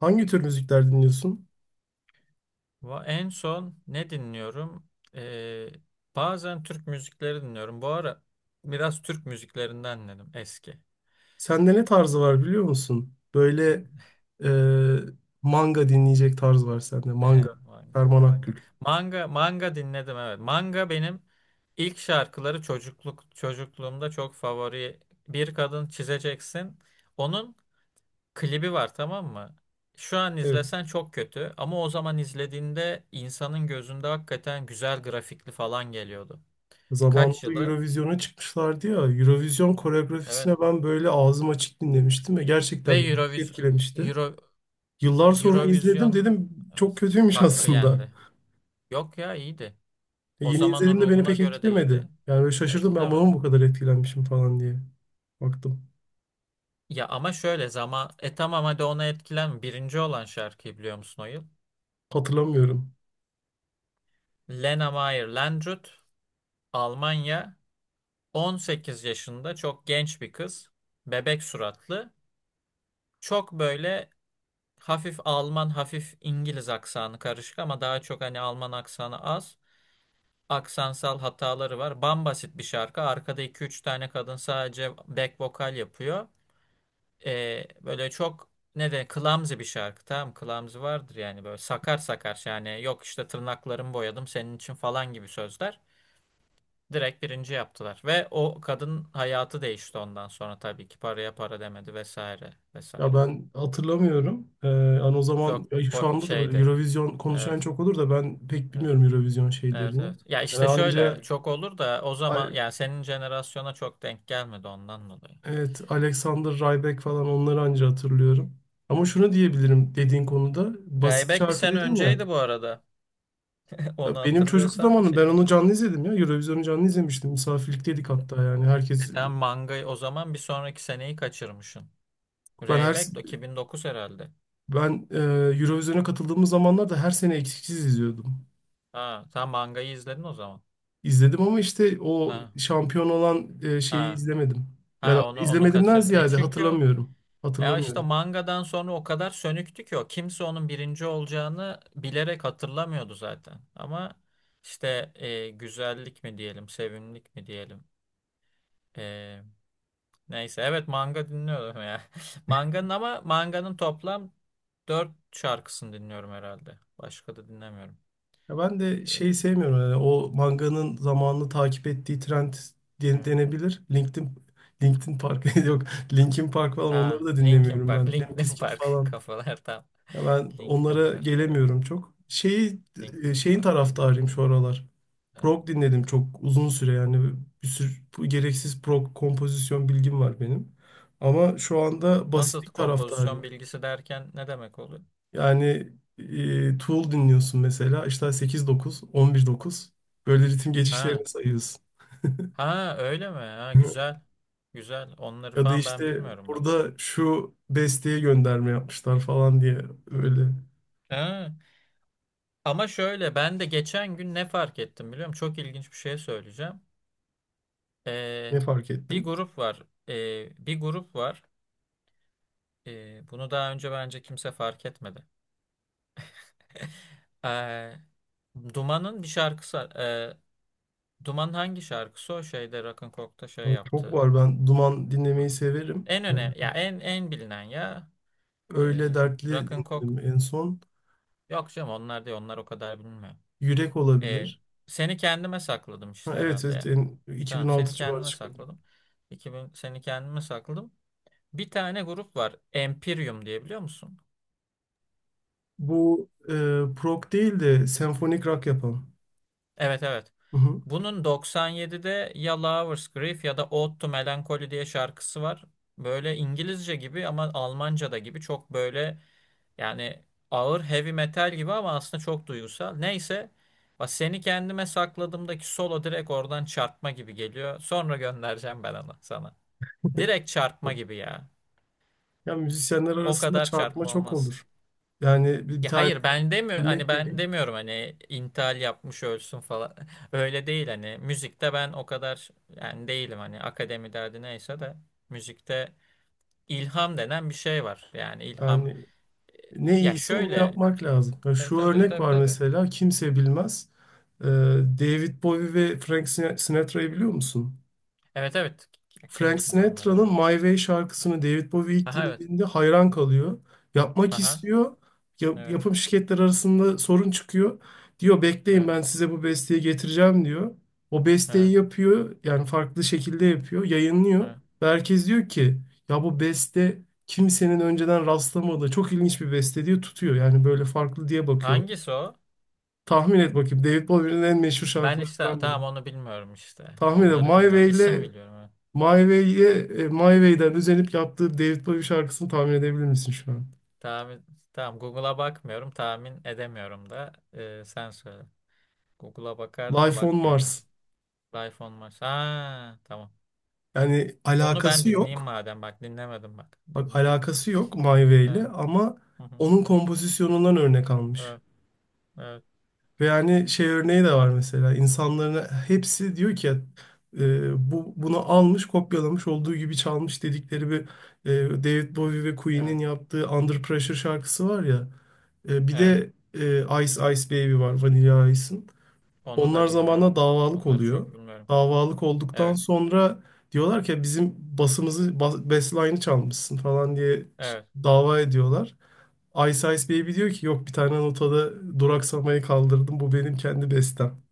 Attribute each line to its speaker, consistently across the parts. Speaker 1: Hangi tür müzikler dinliyorsun?
Speaker 2: En son ne dinliyorum? Ee, Bazen Türk müzikleri dinliyorum. Bu ara biraz Türk müziklerinden dinledim eski.
Speaker 1: Sende ne tarzı var, biliyor musun? Böyle e, manga dinleyecek tarz var sende. Manga.
Speaker 2: Manga,
Speaker 1: Ferman Akgül.
Speaker 2: manga. Manga, manga dinledim evet. Manga benim ilk şarkıları çocukluğumda çok favori. Bir kadın çizeceksin. Onun klibi var tamam mı? Şu an
Speaker 1: Evet.
Speaker 2: izlesen çok kötü ama o zaman izlediğinde insanın gözünde hakikaten güzel grafikli falan geliyordu. Kaç
Speaker 1: Zamanında
Speaker 2: yılı?
Speaker 1: Eurovision'a çıkmışlardı ya. Eurovision koreografisine
Speaker 2: Evet.
Speaker 1: ben böyle ağzım açık dinlemiştim ve
Speaker 2: Ve
Speaker 1: gerçekten beni çok
Speaker 2: Euroviz
Speaker 1: etkilemişti.
Speaker 2: Euro
Speaker 1: Yıllar sonra izledim,
Speaker 2: Eurovision
Speaker 1: dedim çok
Speaker 2: evet,
Speaker 1: kötüymüş
Speaker 2: hakkı
Speaker 1: aslında.
Speaker 2: yendi. Yok ya iyiydi. O
Speaker 1: Yeni
Speaker 2: zamanın
Speaker 1: izlediğimde beni
Speaker 2: ruhuna
Speaker 1: pek
Speaker 2: göre de
Speaker 1: etkilemedi.
Speaker 2: iyiydi.
Speaker 1: Yani böyle şaşırdım, ben buna mı
Speaker 2: Etkilemedim.
Speaker 1: bu kadar etkilenmişim falan diye. Baktım.
Speaker 2: Ya ama şöyle zaman tamam hadi ona etkilen birinci olan şarkıyı biliyor musun o yıl?
Speaker 1: Hatırlamıyorum.
Speaker 2: Lena Meyer Landrut, Almanya, 18 yaşında çok genç bir kız. Bebek suratlı. Çok böyle hafif Alman hafif İngiliz aksanı karışık ama daha çok hani Alman aksanı az. Aksansal hataları var. Bambasit bir şarkı. Arkada iki üç tane kadın sadece back vokal yapıyor. Böyle çok ne de clumsy bir şarkı. Tamam clumsy vardır yani böyle sakar sakar yani yok işte tırnaklarımı boyadım senin için falan gibi sözler. Direkt birinci yaptılar ve o kadın hayatı değişti ondan sonra tabii ki paraya para demedi vesaire
Speaker 1: Ya
Speaker 2: vesaire.
Speaker 1: ben hatırlamıyorum. Yani o zaman, ya şu anda da böyle
Speaker 2: Şeydi.
Speaker 1: Eurovision konuşan
Speaker 2: Evet.
Speaker 1: çok olur da ben pek
Speaker 2: Evet.
Speaker 1: bilmiyorum Eurovision
Speaker 2: Evet
Speaker 1: şeylerini.
Speaker 2: evet. Ya
Speaker 1: Yani
Speaker 2: işte şöyle
Speaker 1: anca
Speaker 2: çok olur da o zaman
Speaker 1: A-
Speaker 2: yani senin jenerasyona çok denk gelmedi ondan dolayı.
Speaker 1: evet, Alexander Rybak falan, onları anca hatırlıyorum. Ama şunu diyebilirim dediğin konuda, basit
Speaker 2: Rayback bir
Speaker 1: şarkı
Speaker 2: sene
Speaker 1: dedin ya.
Speaker 2: önceydi bu arada. Onu
Speaker 1: Ya benim çocukluk
Speaker 2: hatırlıyorsan
Speaker 1: zamanım, ben
Speaker 2: şeyden.
Speaker 1: onu canlı izledim ya. Eurovision'u canlı izlemiştim. Misafirlikteydik hatta, yani
Speaker 2: E
Speaker 1: herkes
Speaker 2: tamam mangayı o zaman bir sonraki seneyi kaçırmışsın.
Speaker 1: ben her
Speaker 2: Rayback de 2009 herhalde.
Speaker 1: ben e, Eurovision'a katıldığımız zamanlarda her sene eksiksiz izliyordum.
Speaker 2: Ha, sen mangayı izledin o zaman.
Speaker 1: İzledim ama işte o
Speaker 2: Ha.
Speaker 1: şampiyon olan şeyi
Speaker 2: Ha.
Speaker 1: izlemedim. Yani
Speaker 2: Ha onu
Speaker 1: izlemedimden
Speaker 2: kaçırdın. E
Speaker 1: ziyade
Speaker 2: çünkü
Speaker 1: hatırlamıyorum.
Speaker 2: ya işte
Speaker 1: Hatırlamıyorum.
Speaker 2: mangadan sonra o kadar sönüktü ki o. Kimse onun birinci olacağını bilerek hatırlamıyordu zaten. Ama işte güzellik mi diyelim, sevimlilik mi diyelim. E, Neyse evet manga dinliyorum ya. Manganın ama manganın toplam dört şarkısını dinliyorum herhalde. Başka da dinlemiyorum.
Speaker 1: Ya ben de şeyi
Speaker 2: E,
Speaker 1: sevmiyorum, yani o manganın zamanını takip ettiği trend
Speaker 2: evet.
Speaker 1: denebilir. LinkedIn Park yok. Linkin Park falan, onları
Speaker 2: Aa,
Speaker 1: da
Speaker 2: Linkin
Speaker 1: dinlemiyorum ben.
Speaker 2: Park,
Speaker 1: Limp
Speaker 2: Linkin
Speaker 1: Bizkit
Speaker 2: Park
Speaker 1: falan.
Speaker 2: kafalar tam.
Speaker 1: Ya ben
Speaker 2: Linkin
Speaker 1: onlara
Speaker 2: Park evet.
Speaker 1: gelemiyorum çok.
Speaker 2: Linkin
Speaker 1: Şeyin
Speaker 2: Park'ı.
Speaker 1: taraftarıyım şu aralar. Prog dinledim çok uzun süre, yani bir sürü bu gereksiz prog kompozisyon bilgim var benim. Ama şu anda
Speaker 2: Nasıl
Speaker 1: basitlik
Speaker 2: kompozisyon
Speaker 1: taraftarıyım.
Speaker 2: bilgisi derken ne demek oluyor?
Speaker 1: Yani Tool dinliyorsun mesela, işte sekiz dokuz on bir dokuz, böyle ritim
Speaker 2: Ha.
Speaker 1: geçişlerini sayıyorsun.
Speaker 2: Ha öyle mi? Ha güzel. Güzel. Onları
Speaker 1: Ya da
Speaker 2: falan ben
Speaker 1: işte
Speaker 2: bilmiyorum bak. Pek.
Speaker 1: burada şu besteye gönderme yapmışlar falan diye öyle.
Speaker 2: Ha. Ama şöyle ben de geçen gün ne fark ettim biliyor musun? Çok ilginç bir şey söyleyeceğim. Ee,
Speaker 1: Ne fark
Speaker 2: bir
Speaker 1: ettin?
Speaker 2: grup var. Bir grup var. Bunu daha önce bence kimse fark etmedi. Ee, Duman'ın bir şarkısı. Duman hangi şarkısı o şeyde Rock'n'Coke'da şey
Speaker 1: Çok
Speaker 2: yaptı.
Speaker 1: var. Ben Duman dinlemeyi severim.
Speaker 2: En öne ya en en bilinen ya.
Speaker 1: Öyle
Speaker 2: Ee,
Speaker 1: dertli
Speaker 2: Rock'n'Coke,
Speaker 1: dinledim en son.
Speaker 2: yok canım onlar değil onlar o kadar bilmiyor.
Speaker 1: Yürek
Speaker 2: Ee,
Speaker 1: olabilir.
Speaker 2: Seni kendime sakladım
Speaker 1: Ha,
Speaker 2: işte
Speaker 1: evet,
Speaker 2: herhalde,
Speaker 1: evet,
Speaker 2: ya. Tamam
Speaker 1: 2006
Speaker 2: seni
Speaker 1: civarı
Speaker 2: kendime
Speaker 1: çıkan.
Speaker 2: sakladım. 2000 seni kendime sakladım. Bir tane grup var, Empyreum diye, biliyor musun?
Speaker 1: Bu prog değil de senfonik rock yapan.
Speaker 2: Evet evet.
Speaker 1: Hı hı.
Speaker 2: Bunun 97'de ya Lovers Grief ya da Ode to Melancholy diye şarkısı var. Böyle İngilizce gibi ama Almanca da gibi çok böyle yani ağır heavy metal gibi ama aslında çok duygusal. Neyse bak seni kendime sakladığımdaki solo direkt oradan çarpma gibi geliyor. Sonra göndereceğim ben onu sana. Direkt çarpma gibi ya.
Speaker 1: Ya, müzisyenler
Speaker 2: O
Speaker 1: arasında
Speaker 2: kadar
Speaker 1: çarpma
Speaker 2: çarpma
Speaker 1: çok
Speaker 2: olmaz.
Speaker 1: olur. Yani bir
Speaker 2: Ya
Speaker 1: tane
Speaker 2: hayır ben demiyorum hani
Speaker 1: örnek
Speaker 2: ben
Speaker 1: vereyim.
Speaker 2: demiyorum hani intihal yapmış ölsün falan. Öyle değil hani müzikte ben o kadar yani değilim hani akademi derdi neyse de müzikte ilham denen bir şey var. Yani ilham
Speaker 1: Yani ne
Speaker 2: ya
Speaker 1: iyiyse onu
Speaker 2: şöyle
Speaker 1: yapmak
Speaker 2: evet.
Speaker 1: lazım. Ya
Speaker 2: Evet
Speaker 1: şu
Speaker 2: tabii
Speaker 1: örnek
Speaker 2: tabii
Speaker 1: var
Speaker 2: tabii.
Speaker 1: mesela, kimse bilmez. Ee, David Bowie ve Frank Sinatra'yı biliyor musun?
Speaker 2: Evet evet. Kim
Speaker 1: Frank
Speaker 2: bilmiyor onları
Speaker 1: Sinatra'nın
Speaker 2: evet.
Speaker 1: My Way şarkısını David Bowie ilk
Speaker 2: Aha evet.
Speaker 1: dinlediğinde hayran kalıyor. Yapmak
Speaker 2: Aha
Speaker 1: istiyor. Ya-
Speaker 2: evet
Speaker 1: yapım şirketler arasında sorun çıkıyor. Diyor, bekleyin,
Speaker 2: evet
Speaker 1: ben size bu besteyi getireceğim diyor. O besteyi
Speaker 2: evet.
Speaker 1: yapıyor. Yani farklı şekilde yapıyor. Yayınlıyor.
Speaker 2: Evet.
Speaker 1: Ve herkes diyor ki, ya bu beste kimsenin önceden rastlamadığı çok ilginç bir beste diyor, tutuyor. Yani böyle farklı diye bakıyor.
Speaker 2: Hangisi o?
Speaker 1: Tahmin et bakayım. David Bowie'nin en meşhur
Speaker 2: Ben işte
Speaker 1: şarkılarından biri.
Speaker 2: tamam onu bilmiyorum işte.
Speaker 1: Tahmin et.
Speaker 2: Onları
Speaker 1: My
Speaker 2: bilmiyorum.
Speaker 1: Way
Speaker 2: İsim
Speaker 1: ile
Speaker 2: biliyorum. Evet.
Speaker 1: My Way'e, e, My Way'den özenip yaptığı David Bowie şarkısını tahmin edebilir misin şu an?
Speaker 2: Tahmin, tamam Google'a bakmıyorum. Tahmin edemiyorum da. Sen söyle. Google'a bakardım da
Speaker 1: Life on
Speaker 2: bakmıyorum hadi.
Speaker 1: Mars.
Speaker 2: Life on Mars. Ha, tamam.
Speaker 1: Yani
Speaker 2: Onu ben
Speaker 1: alakası
Speaker 2: dinleyeyim
Speaker 1: yok.
Speaker 2: madem. Bak dinlemedim bak.
Speaker 1: Bak,
Speaker 2: Dinleyeyim onu.
Speaker 1: alakası yok My Way ile
Speaker 2: Evet.
Speaker 1: ama
Speaker 2: Hı hı.
Speaker 1: onun kompozisyonundan örnek almış.
Speaker 2: Evet. Evet.
Speaker 1: Ve yani şey örneği de var mesela. İnsanların hepsi diyor ki bunu almış, kopyalamış, olduğu gibi çalmış dedikleri bir David Bowie ve Queen'in
Speaker 2: Evet.
Speaker 1: yaptığı Under Pressure şarkısı var ya. Bir
Speaker 2: Evet.
Speaker 1: de Ice Ice Baby var, Vanilla Ice'ın.
Speaker 2: Onu
Speaker 1: Onlar
Speaker 2: da
Speaker 1: zamanla
Speaker 2: bilmiyorum.
Speaker 1: davalık
Speaker 2: Onları
Speaker 1: oluyor.
Speaker 2: çok bilmiyorum.
Speaker 1: Davalık olduktan
Speaker 2: Evet.
Speaker 1: sonra diyorlar ki bizim basımızı, basline'ı çalmışsın falan diye
Speaker 2: Evet.
Speaker 1: dava ediyorlar. Ice Ice Baby diyor ki yok, bir tane notada duraksamayı kaldırdım, bu benim kendi bestem.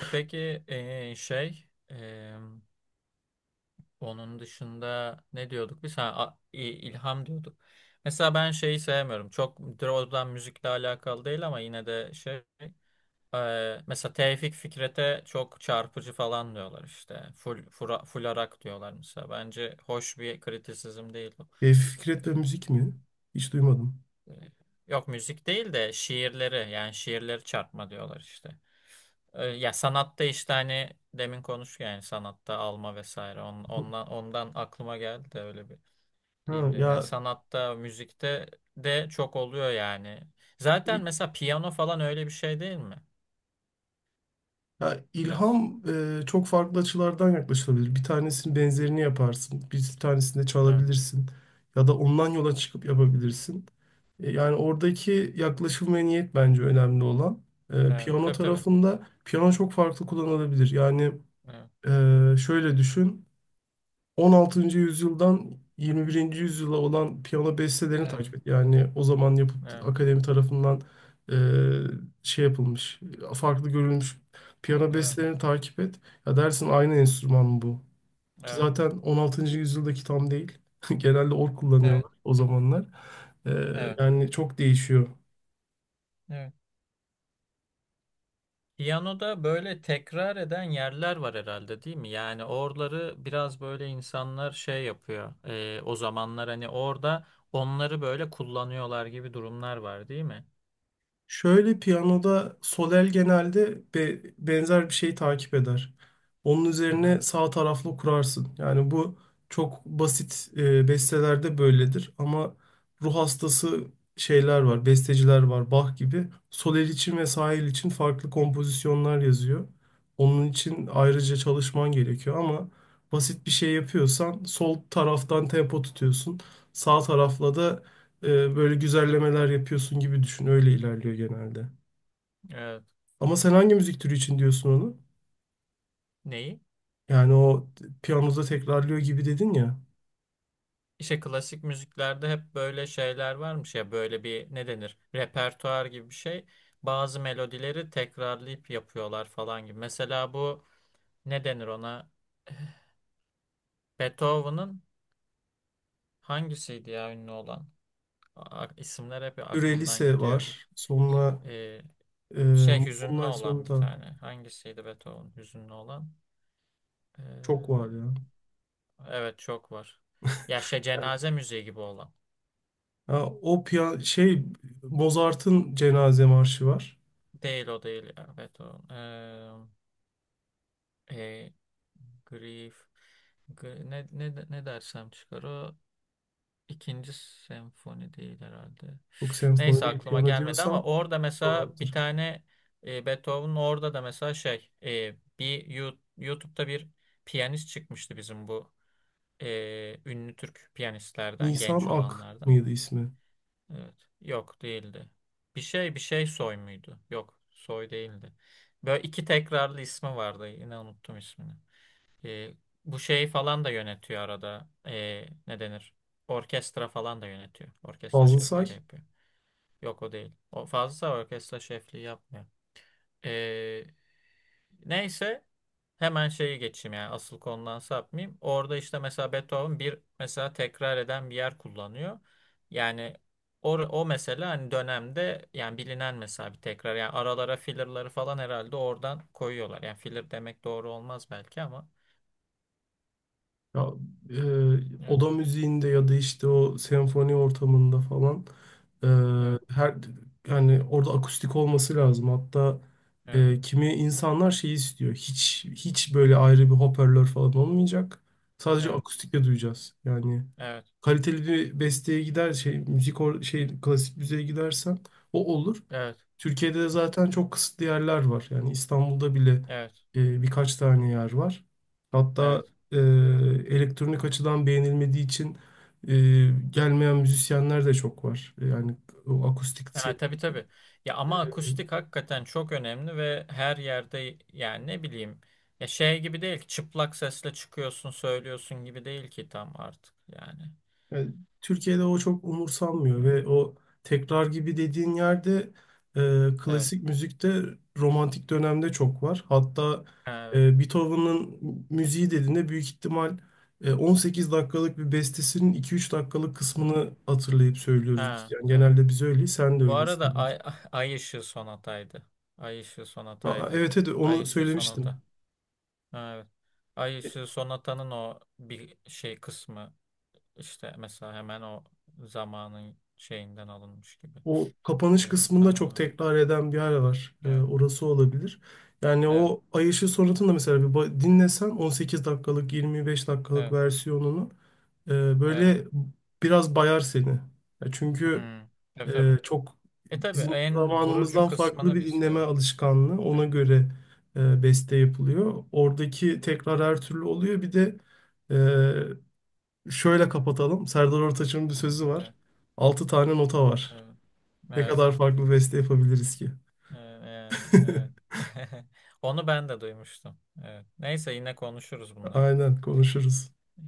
Speaker 2: E peki ee, şey ee, Onun dışında ne diyorduk biz? Ha, ilham diyorduk. Mesela ben şeyi sevmiyorum. Çok doğrudan müzikle alakalı değil ama yine de şey. Mesela Tevfik Fikret'e çok çarpıcı falan diyorlar işte. Full arak diyorlar mesela. Bence hoş bir kritisizm değil bu.
Speaker 1: Fikret ve müzik mi? Hiç duymadım.
Speaker 2: E, e, Yok müzik değil de şiirleri yani şiirleri çarpma diyorlar işte. Ya sanatta işte hani demin konuştuk yani sanatta alma vesaire. Ondan aklıma geldi de öyle bir
Speaker 1: Ha,
Speaker 2: diyeyim dedim. Yani
Speaker 1: ya,
Speaker 2: sanatta, müzikte de çok oluyor yani. Zaten
Speaker 1: i-
Speaker 2: mesela piyano falan öyle bir şey değil mi?
Speaker 1: ya,
Speaker 2: Biraz.
Speaker 1: ilham çok farklı açılardan yaklaşılabilir. Bir tanesinin benzerini yaparsın, bir tanesini de
Speaker 2: Evet.
Speaker 1: çalabilirsin ya da ondan yola çıkıp yapabilirsin. Yani oradaki yaklaşım ve niyet bence önemli olan.
Speaker 2: Evet.
Speaker 1: Piyano
Speaker 2: Tabii tabii.
Speaker 1: tarafında piyano çok farklı kullanılabilir. Yani
Speaker 2: Evet.
Speaker 1: şöyle düşün. 16. yüzyıldan 21. yüzyıla olan piyano bestelerini
Speaker 2: Evet.
Speaker 1: takip et. Yani o zaman yapıt
Speaker 2: Evet.
Speaker 1: akademi tarafından e, şey yapılmış, farklı görülmüş piyano
Speaker 2: Evet.
Speaker 1: bestelerini takip et. Ya dersin, aynı enstrüman mı bu? Ki
Speaker 2: Evet.
Speaker 1: zaten 16. yüzyıldaki tam değil. Genelde org
Speaker 2: Evet.
Speaker 1: kullanıyorlar o zamanlar. E,
Speaker 2: Evet.
Speaker 1: Yani çok değişiyor.
Speaker 2: Evet. Piyanoda böyle tekrar eden yerler var herhalde değil mi? Yani oraları biraz böyle insanlar şey yapıyor. O zamanlar hani orada onları böyle kullanıyorlar gibi durumlar var değil mi?
Speaker 1: Şöyle, piyanoda sol el genelde benzer bir şeyi takip eder. Onun
Speaker 2: Hı hı.
Speaker 1: üzerine sağ taraflı kurarsın. Yani bu çok basit bestelerde böyledir ama ruh hastası şeyler var, besteciler var, Bach gibi. Sol el için ve sağ el için farklı kompozisyonlar yazıyor. Onun için ayrıca çalışman gerekiyor ama basit bir şey yapıyorsan sol taraftan tempo tutuyorsun. Sağ tarafla da böyle güzellemeler yapıyorsun gibi düşün. Öyle ilerliyor genelde.
Speaker 2: Evet.
Speaker 1: Ama sen hangi müzik türü için diyorsun onu?
Speaker 2: Neyi?
Speaker 1: Yani o piyanoda tekrarlıyor gibi dedin ya.
Speaker 2: İşte klasik müziklerde hep böyle şeyler varmış ya böyle bir ne denir repertuar gibi bir şey. Bazı melodileri tekrarlayıp yapıyorlar falan gibi. Mesela bu ne denir ona? Eh, Beethoven'ın hangisiydi ya ünlü olan? İsimler hep aklımdan
Speaker 1: Ürelise
Speaker 2: gidiyor.
Speaker 1: var. Sonra
Speaker 2: Ee,
Speaker 1: e,
Speaker 2: Şey hüzünlü
Speaker 1: online
Speaker 2: olan bir
Speaker 1: sonunda
Speaker 2: tane. Hangisiydi Beethoven hüzünlü olan?
Speaker 1: çok var
Speaker 2: Ee,
Speaker 1: ya.
Speaker 2: evet çok var. Ya şey
Speaker 1: Yani,
Speaker 2: cenaze müziği gibi olan.
Speaker 1: ha, o şey, Mozart'ın cenaze marşı var.
Speaker 2: Değil o değil ya Beethoven. E, Grief. Ne dersem çıkar o. ikinci senfoni değil herhalde.
Speaker 1: Çok senfoni
Speaker 2: Neyse
Speaker 1: değil,
Speaker 2: aklıma
Speaker 1: piyano
Speaker 2: gelmedi ama
Speaker 1: diyorsan
Speaker 2: orada
Speaker 1: son
Speaker 2: mesela bir
Speaker 1: alttır.
Speaker 2: tane Beethoven'ın orada da mesela şey bir YouTube'da bir piyanist çıkmıştı bizim bu ünlü Türk piyanistlerden
Speaker 1: Nisan
Speaker 2: genç
Speaker 1: Ak
Speaker 2: olanlardan.
Speaker 1: mıydı ismi?
Speaker 2: Evet. Yok değildi. Bir şey bir şey soy muydu? Yok soy değildi. Böyle iki tekrarlı ismi vardı. Yine unuttum ismini. E, Bu şey falan da yönetiyor arada. E, ne denir? Orkestra falan da yönetiyor. Orkestra
Speaker 1: Fazıl
Speaker 2: şefliği de
Speaker 1: Say.
Speaker 2: yapıyor. Yok o değil. O fazla orkestra şefliği yapmıyor. E, Neyse hemen şeyi geçeyim yani asıl konudan sapmayayım. Orada işte mesela Beethoven bir mesela tekrar eden bir yer kullanıyor. Yani o, o mesela hani dönemde yani bilinen mesela bir tekrar yani aralara fillerları falan herhalde oradan koyuyorlar. Yani filler demek doğru olmaz belki ama.
Speaker 1: Ya,
Speaker 2: Evet.
Speaker 1: oda müziğinde ya da işte o senfoni ortamında falan e,
Speaker 2: Evet.
Speaker 1: her, yani orada akustik olması lazım. Hatta
Speaker 2: Evet,
Speaker 1: kimi insanlar şey istiyor. Hiç hiç böyle ayrı bir hoparlör falan olmayacak. Sadece
Speaker 2: evet,
Speaker 1: akustikle duyacağız. Yani
Speaker 2: evet,
Speaker 1: kaliteli bir besteye gider, şey müzik or şey klasik müziğe gidersen o olur.
Speaker 2: evet,
Speaker 1: Türkiye'de de zaten çok kısıtlı yerler var. Yani İstanbul'da bile
Speaker 2: evet,
Speaker 1: birkaç tane yer var. Hatta
Speaker 2: evet.
Speaker 1: e, elektronik açıdan beğenilmediği için gelmeyen müzisyenler de çok var. Yani o akustik.
Speaker 2: Ha, tabii tabii. Ya ama akustik hakikaten çok önemli ve her yerde yani ne bileyim ya şey gibi değil ki çıplak sesle çıkıyorsun söylüyorsun gibi değil ki tam artık yani.
Speaker 1: Yani Türkiye'de o çok umursanmıyor
Speaker 2: Evet,
Speaker 1: ve o tekrar gibi dediğin yerde
Speaker 2: evet,
Speaker 1: klasik müzikte romantik dönemde çok var. Hatta
Speaker 2: evet.
Speaker 1: Beethoven'ın müziği dediğinde büyük ihtimal 18 dakikalık bir bestesinin 2-3 dakikalık
Speaker 2: Evet.
Speaker 1: kısmını hatırlayıp söylüyoruz biz.
Speaker 2: Ha,
Speaker 1: Yani
Speaker 2: evet.
Speaker 1: genelde biz öyleyiz, sen de
Speaker 2: Bu arada
Speaker 1: öylesin, büyük
Speaker 2: Ay,
Speaker 1: ihtimal.
Speaker 2: Ay Işığı Sonata'ydı. Ay Işığı
Speaker 1: Aa,
Speaker 2: Sonata'ydı.
Speaker 1: evet, evet,
Speaker 2: Ay
Speaker 1: onu
Speaker 2: Işığı Sonata.
Speaker 1: söylemiştim.
Speaker 2: Ha, evet. Ay Işığı Sonata'nın o bir şey kısmı İşte mesela hemen o zamanın şeyinden alınmış gibi.
Speaker 1: O kapanış kısmında çok
Speaker 2: Tamam.
Speaker 1: tekrar eden bir yer var.
Speaker 2: Evet,
Speaker 1: Orası olabilir. Yani
Speaker 2: evet,
Speaker 1: o Ay Işığı Sonatı'nı da mesela bir dinlesen, 18 dakikalık, 25 dakikalık
Speaker 2: evet,
Speaker 1: versiyonunu
Speaker 2: evet.
Speaker 1: böyle biraz bayar seni. Ya çünkü
Speaker 2: Hmm. Tabii tabii.
Speaker 1: çok
Speaker 2: E tabii
Speaker 1: bizim
Speaker 2: en vurucu
Speaker 1: zamanımızdan farklı
Speaker 2: kısmını
Speaker 1: bir
Speaker 2: biz.
Speaker 1: dinleme
Speaker 2: Evet.
Speaker 1: alışkanlığı. Ona
Speaker 2: Evet.
Speaker 1: göre beste yapılıyor. Oradaki tekrar her türlü oluyor. Bir de e, şöyle kapatalım. Serdar Ortaç'ın bir
Speaker 2: Hı hı,
Speaker 1: sözü var.
Speaker 2: evet.
Speaker 1: 6 tane nota var.
Speaker 2: Evet.
Speaker 1: Ne
Speaker 2: Evet.
Speaker 1: kadar farklı beste yapabiliriz ki?
Speaker 2: Ee, Yani evet. Onu ben de duymuştum. Evet. Neyse yine konuşuruz bunları.
Speaker 1: Aynen konuşuruz.